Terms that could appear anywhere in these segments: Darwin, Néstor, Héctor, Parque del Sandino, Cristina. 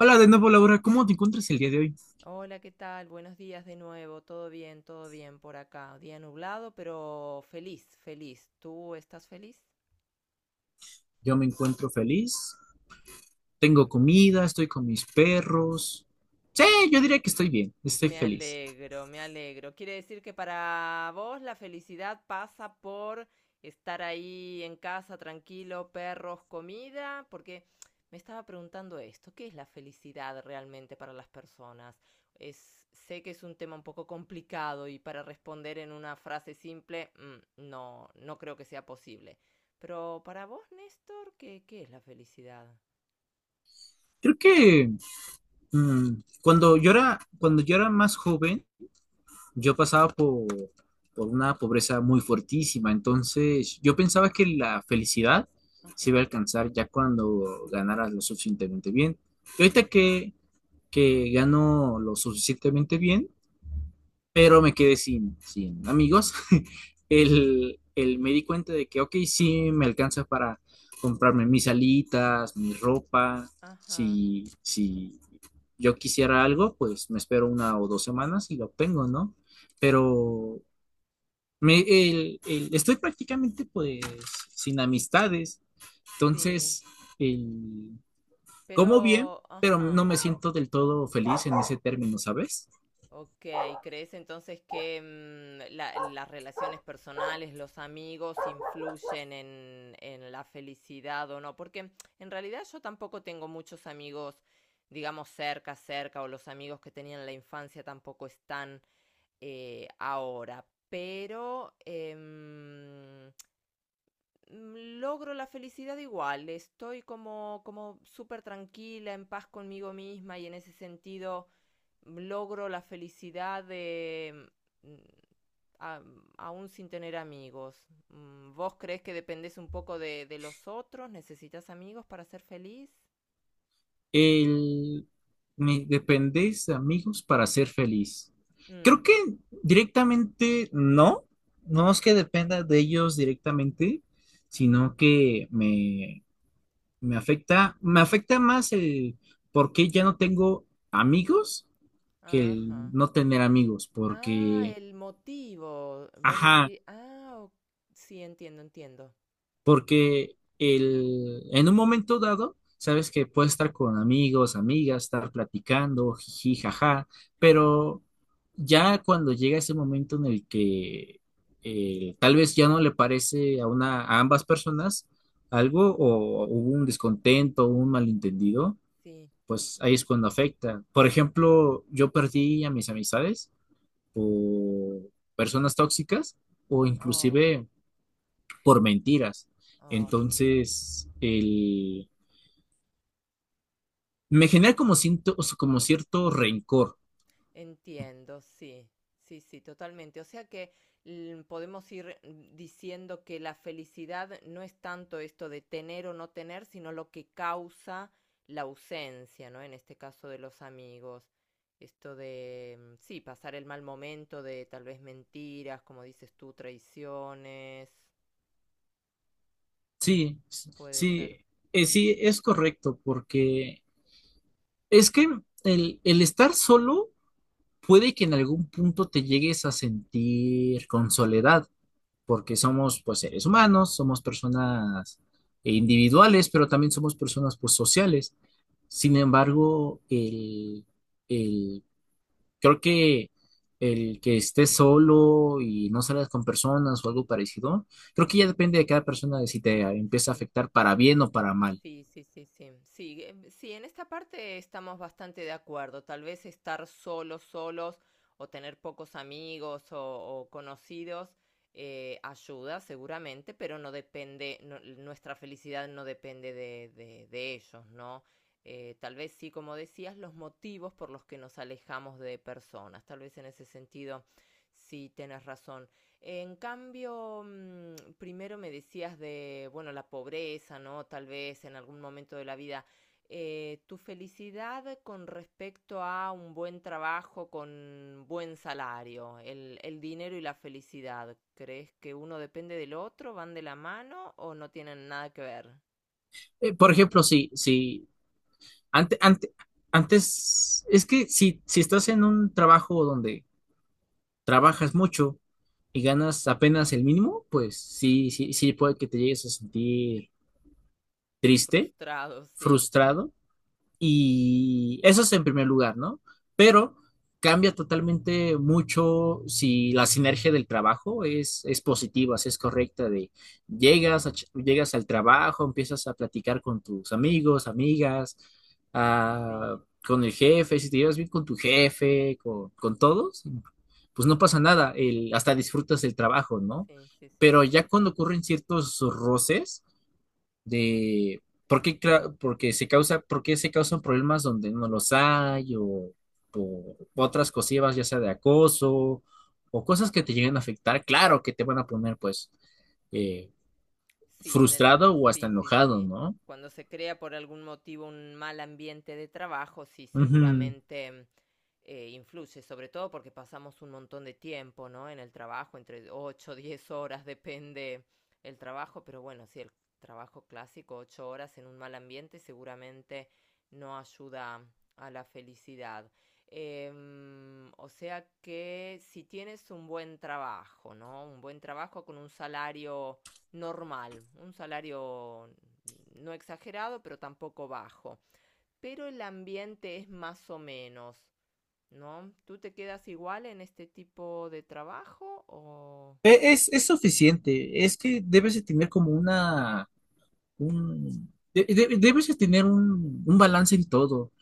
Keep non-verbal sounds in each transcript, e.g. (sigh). Hola de nuevo, Laura. ¿Cómo te encuentras el día de hoy? Hola, ¿qué tal? Buenos días de nuevo. Todo bien por acá. Día nublado, pero feliz, feliz. ¿Tú estás feliz? Yo me encuentro feliz, tengo comida, estoy con mis perros. Sí, yo diría que estoy bien, estoy Me feliz. alegro, me alegro. Quiere decir que para vos la felicidad pasa por estar ahí en casa tranquilo, perros, comida, porque me estaba preguntando esto, ¿qué es la felicidad realmente para las personas? Es, sé que es un tema un poco complicado y para responder en una frase simple, no, no creo que sea posible. Pero para vos, Néstor, ¿qué es la felicidad? Creo que mm, cuando yo era más joven, yo pasaba por una pobreza muy fuertísima. Entonces, yo pensaba que la felicidad se iba a Ajá, alcanzar ya cuando ganaras lo suficientemente bien. Y mm, ahorita que gano lo suficientemente bien, pero me quedé sin amigos. (laughs) Me di cuenta de que, ok, sí, me alcanza para comprarme mis alitas, mi ropa. ajá, Si, si yo quisiera algo, pues me espero 1 o 2 semanas y lo obtengo, ¿no? Pero estoy prácticamente pues sin amistades. sí, Entonces, el, como bien, pero, pero ajá. no me siento del todo feliz en ese término, ¿sabes? Ok, ¿crees entonces que las relaciones personales, los amigos influyen en la felicidad o no? Porque en realidad yo tampoco tengo muchos amigos, digamos, cerca, cerca, o los amigos que tenía en la infancia tampoco están ahora. Pero logro la felicidad igual, estoy como súper tranquila, en paz conmigo misma y en ese sentido logro la felicidad de, mm, a- aún sin tener amigos. ¿Vos crees que dependés un poco de los otros? ¿Necesitas amigos para ser feliz? El, Me dependéis de amigos para ser feliz. Mm, Creo que directamente no, no es que dependa de ellos directamente, sino que me afecta más el por qué ya no tengo amigos que el ajá. no tener amigos, Ah, porque, el motivo. Vos ajá. decís, ah, sí, entiendo, entiendo. Porque en un momento dado, sabes que puedes estar con amigos, amigas, estar platicando, jiji, jaja, Sí, pero ya cuando llega ese momento en el que tal vez ya no le parece a una, a ambas personas algo, o hubo un descontento, un malentendido, sí. pues ahí es cuando afecta. Por ejemplo, yo perdí a mis amistades por personas tóxicas o Oh, inclusive por mentiras. oh, sí. Entonces, me genera como, como cierto rencor. Entiendo, sí, sí, sí, totalmente. O sea que podemos ir diciendo que la felicidad no es tanto esto de tener o no tener, sino lo que causa la ausencia, ¿no? En este caso de los amigos. Esto de, mm, sí, pasar el mal momento de tal vez mentiras, como dices tú, traiciones. Mm, Sí, puede sí, ser. Sí, es correcto, porque es que el estar solo puede que en algún punto te llegues a sentir con soledad, porque somos pues seres humanos, somos personas individuales, pero también somos personas pues sociales. Sin embargo, el creo que el que estés solo y no salgas con personas o algo parecido, creo que ya depende de cada persona de si te empieza a Sí. afectar para bien o para mal. Sí, sí, sí, sí. Sí, sí, en esta parte estamos bastante de acuerdo. Tal vez estar solos, solos, o tener pocos amigos o conocidos ayuda seguramente, pero no depende, nuestra felicidad no depende de ellos, ¿no? Tal vez sí, como decías, los motivos por los que nos alejamos de personas. Tal vez en ese sentido sí tenés razón. En cambio, primero me decías de, bueno, la pobreza, ¿no? Tal vez en algún momento de la vida. Tu felicidad con respecto a un buen trabajo con buen salario, el dinero y la felicidad, ¿crees que uno depende del otro, van de la mano o no tienen nada que ver? Por ejemplo, si ante, ante- antes, es que si, si estás en un trabajo donde trabajas mucho y ganas apenas el mínimo, pues sí, sí, sí puede que te llegues a sentir triste, Frustrado, sí, frustrado. Y eso es en primer lugar, ¿no? Pero cambia totalmente mucho si la sinergia del trabajo es positiva, si es correcta, de llegas, llegas al trabajo, empiezas a platicar con tus amigos, amigas, ah, sí, con el la- jefe, si te llevas bien con tu jefe, con todos, pues no pasa nada, hasta disfrutas el trabajo, ¿no? sí, sí, sí. Pero ya cuando ocurren ciertos roces, de por qué, porque se causa, por qué se causan problemas donde no los hay, o por otras cosillas, ya sea de acoso o cosas que te lleguen a afectar, claro que te van a poner pues eh, Sí, frustrado o hasta sí, sí, enojado, sí. ¿no? Cuando se crea por algún motivo un mal ambiente de trabajo, sí, Ujú. seguramente influye, sobre todo porque pasamos un montón de tiempo, ¿no? En el trabajo, entre 8, o 10 horas, depende el trabajo, pero bueno, si el trabajo clásico, 8 horas en un mal ambiente, seguramente no ayuda a la felicidad. O sea que si tienes un buen trabajo, ¿no? Un buen trabajo con un salario normal, un salario no exagerado, pero tampoco bajo. Pero el ambiente es más o menos, ¿no? ¿Tú te quedas igual en este tipo de trabajo o? Es suficiente, es que debes de tener como una un- de- debes de tener un balance en todo.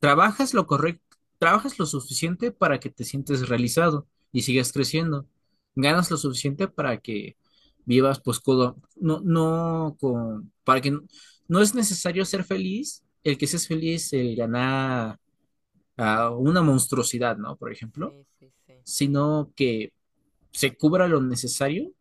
Trabajas lo correcto, trabajas lo suficiente para que te sientes realizado y sigas creciendo. Ganas lo suficiente para que vivas pues no, no con, para que no, no es necesario ser feliz, el que seas feliz, el ganar a una monstruosidad, ¿no? Por ejemplo, Sí, sí, sí, sino que se cubra lo necesario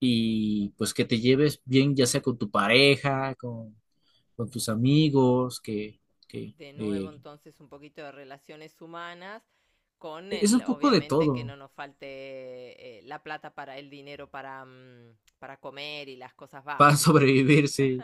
y pues que te lleves bien, ya sea con tu pareja, con tus sí. amigos, que De nuevo, entonces, un poquito de relaciones humanas con es el, un poco de obviamente, que no todo nos falte la plata para el dinero para comer y las cosas para (laughs) básicas. sobrevivirse.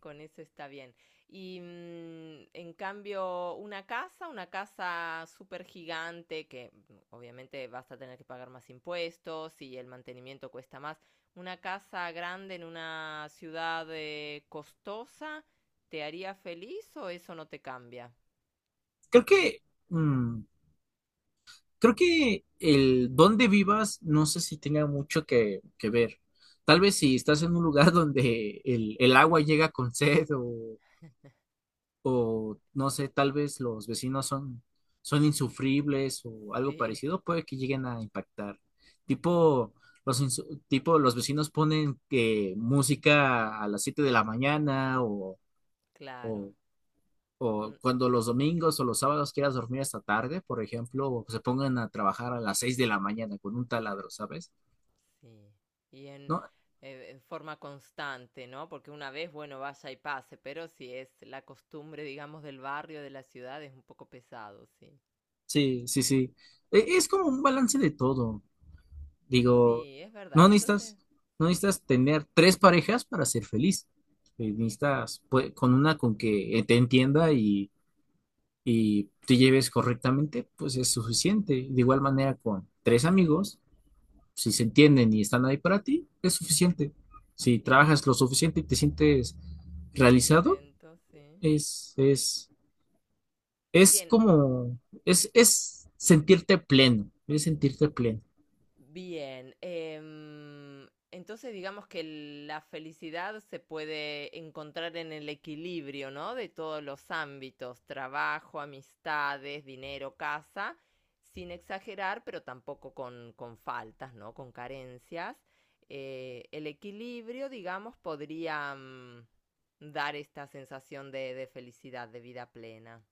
Con eso está bien. Y en cambio, una casa súper gigante, que obviamente vas a tener que pagar más impuestos y el mantenimiento cuesta más, una casa grande en una ciudad costosa, ¿te haría feliz o eso no te cambia? Creo que, mm, creo que el dónde vivas no sé si tenga mucho que ver. Tal vez si estás en un lugar (laughs) donde el agua llega con sed, o no sé, tal vez los vecinos son insufribles o algo Sí, parecido, puede que lleguen a impactar. Tipo, tipo, los vecinos ponen que música a las 7 de la mañana, claro. o, o Un- cuando los domingos o los sábados quieras dormir hasta tarde, por ejemplo, o se pongan a trabajar a las 6 de la mañana con un taladro, ¿sabes? Sí, y en, ¿No? eh, en forma constante, ¿no? Porque una vez, bueno, vaya y pase, pero si es la costumbre, digamos, del barrio, de la ciudad, es un poco pesado, sí. Sí, sí, sí. Es como un balance de todo. Digo, Sí, es no verdad. necesitas, Entonces, no necesitas tener tres parejas para ser feliz. Necesitas pues, con una con que te entienda y te lleves correctamente, pues es suficiente. De igual manera con tres amigos, si se entienden y están ahí para ti, es suficiente. Si y trabajas lo suficiente y te sientes realizado, contento, sí. es, es, es Bien, como, es sentirte pleno, es sentirte pleno. bien, entonces digamos que la felicidad se puede encontrar en el equilibrio, ¿no? De todos los ámbitos, trabajo, amistades, dinero, casa, sin exagerar, pero tampoco con faltas, ¿no? Con carencias. El equilibrio, digamos, podría dar esta sensación de felicidad, de vida plena,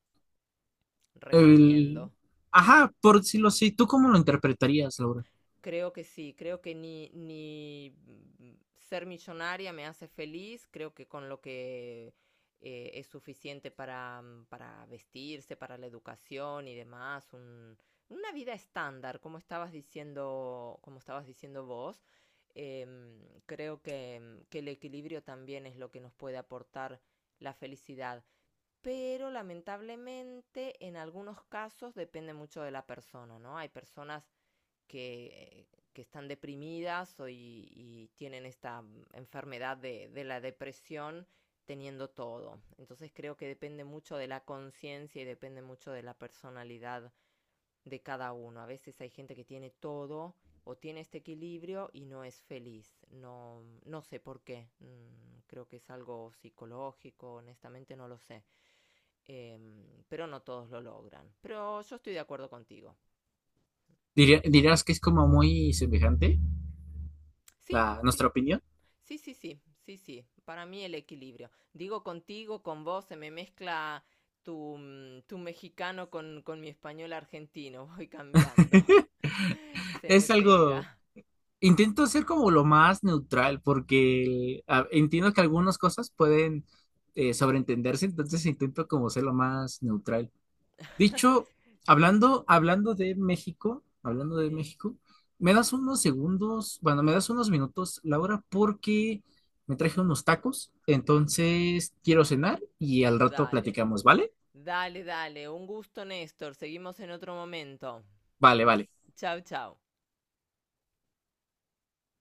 resumiendo. El... Ajá, por si lo sé. ¿Tú cómo lo interpretarías, Laura? Creo que sí, creo que ni ser millonaria me hace feliz, creo que con lo que es suficiente para vestirse, para la educación y demás, una vida estándar, como estabas diciendo vos. Em, creo que el equilibrio también es lo que nos puede aportar la felicidad pero lamentablemente en algunos casos depende mucho de la persona, ¿no? Hay personas que, que están deprimidas y tienen esta enfermedad de la depresión teniendo todo. Entonces creo que depende mucho de la conciencia y depende mucho de la personalidad de cada uno. A veces hay gente que tiene todo o tiene este equilibrio y no es feliz. No, no sé por qué. Creo que es algo psicológico, honestamente no lo sé. Eh, pero no todos lo logran. Pero yo estoy de acuerdo contigo. ¿Dirías que es como muy semejante Sí, a sí. nuestra opinión? Sí, sí, sí, sí, sí. Para mí el equilibrio. Digo contigo, con vos, se me mezcla tu mexicano con mi español argentino. Voy cambiando. (laughs) (laughs) Se me Es algo... pega. Intento ser como lo más neutral porque entiendo que algunas cosas pueden sobreentenderse, entonces intento como ser lo más neutral. (laughs) Dicho, Sí, hablando de México, sí. Me das unos segundos, bueno, me das unos minutos, Laura, porque me traje unos tacos, entonces quiero cenar y al rato Dale, platicamos, ¿vale? dale, dale. Un gusto, Néstor. Seguimos en otro momento. Vale, vale. Chau, chau.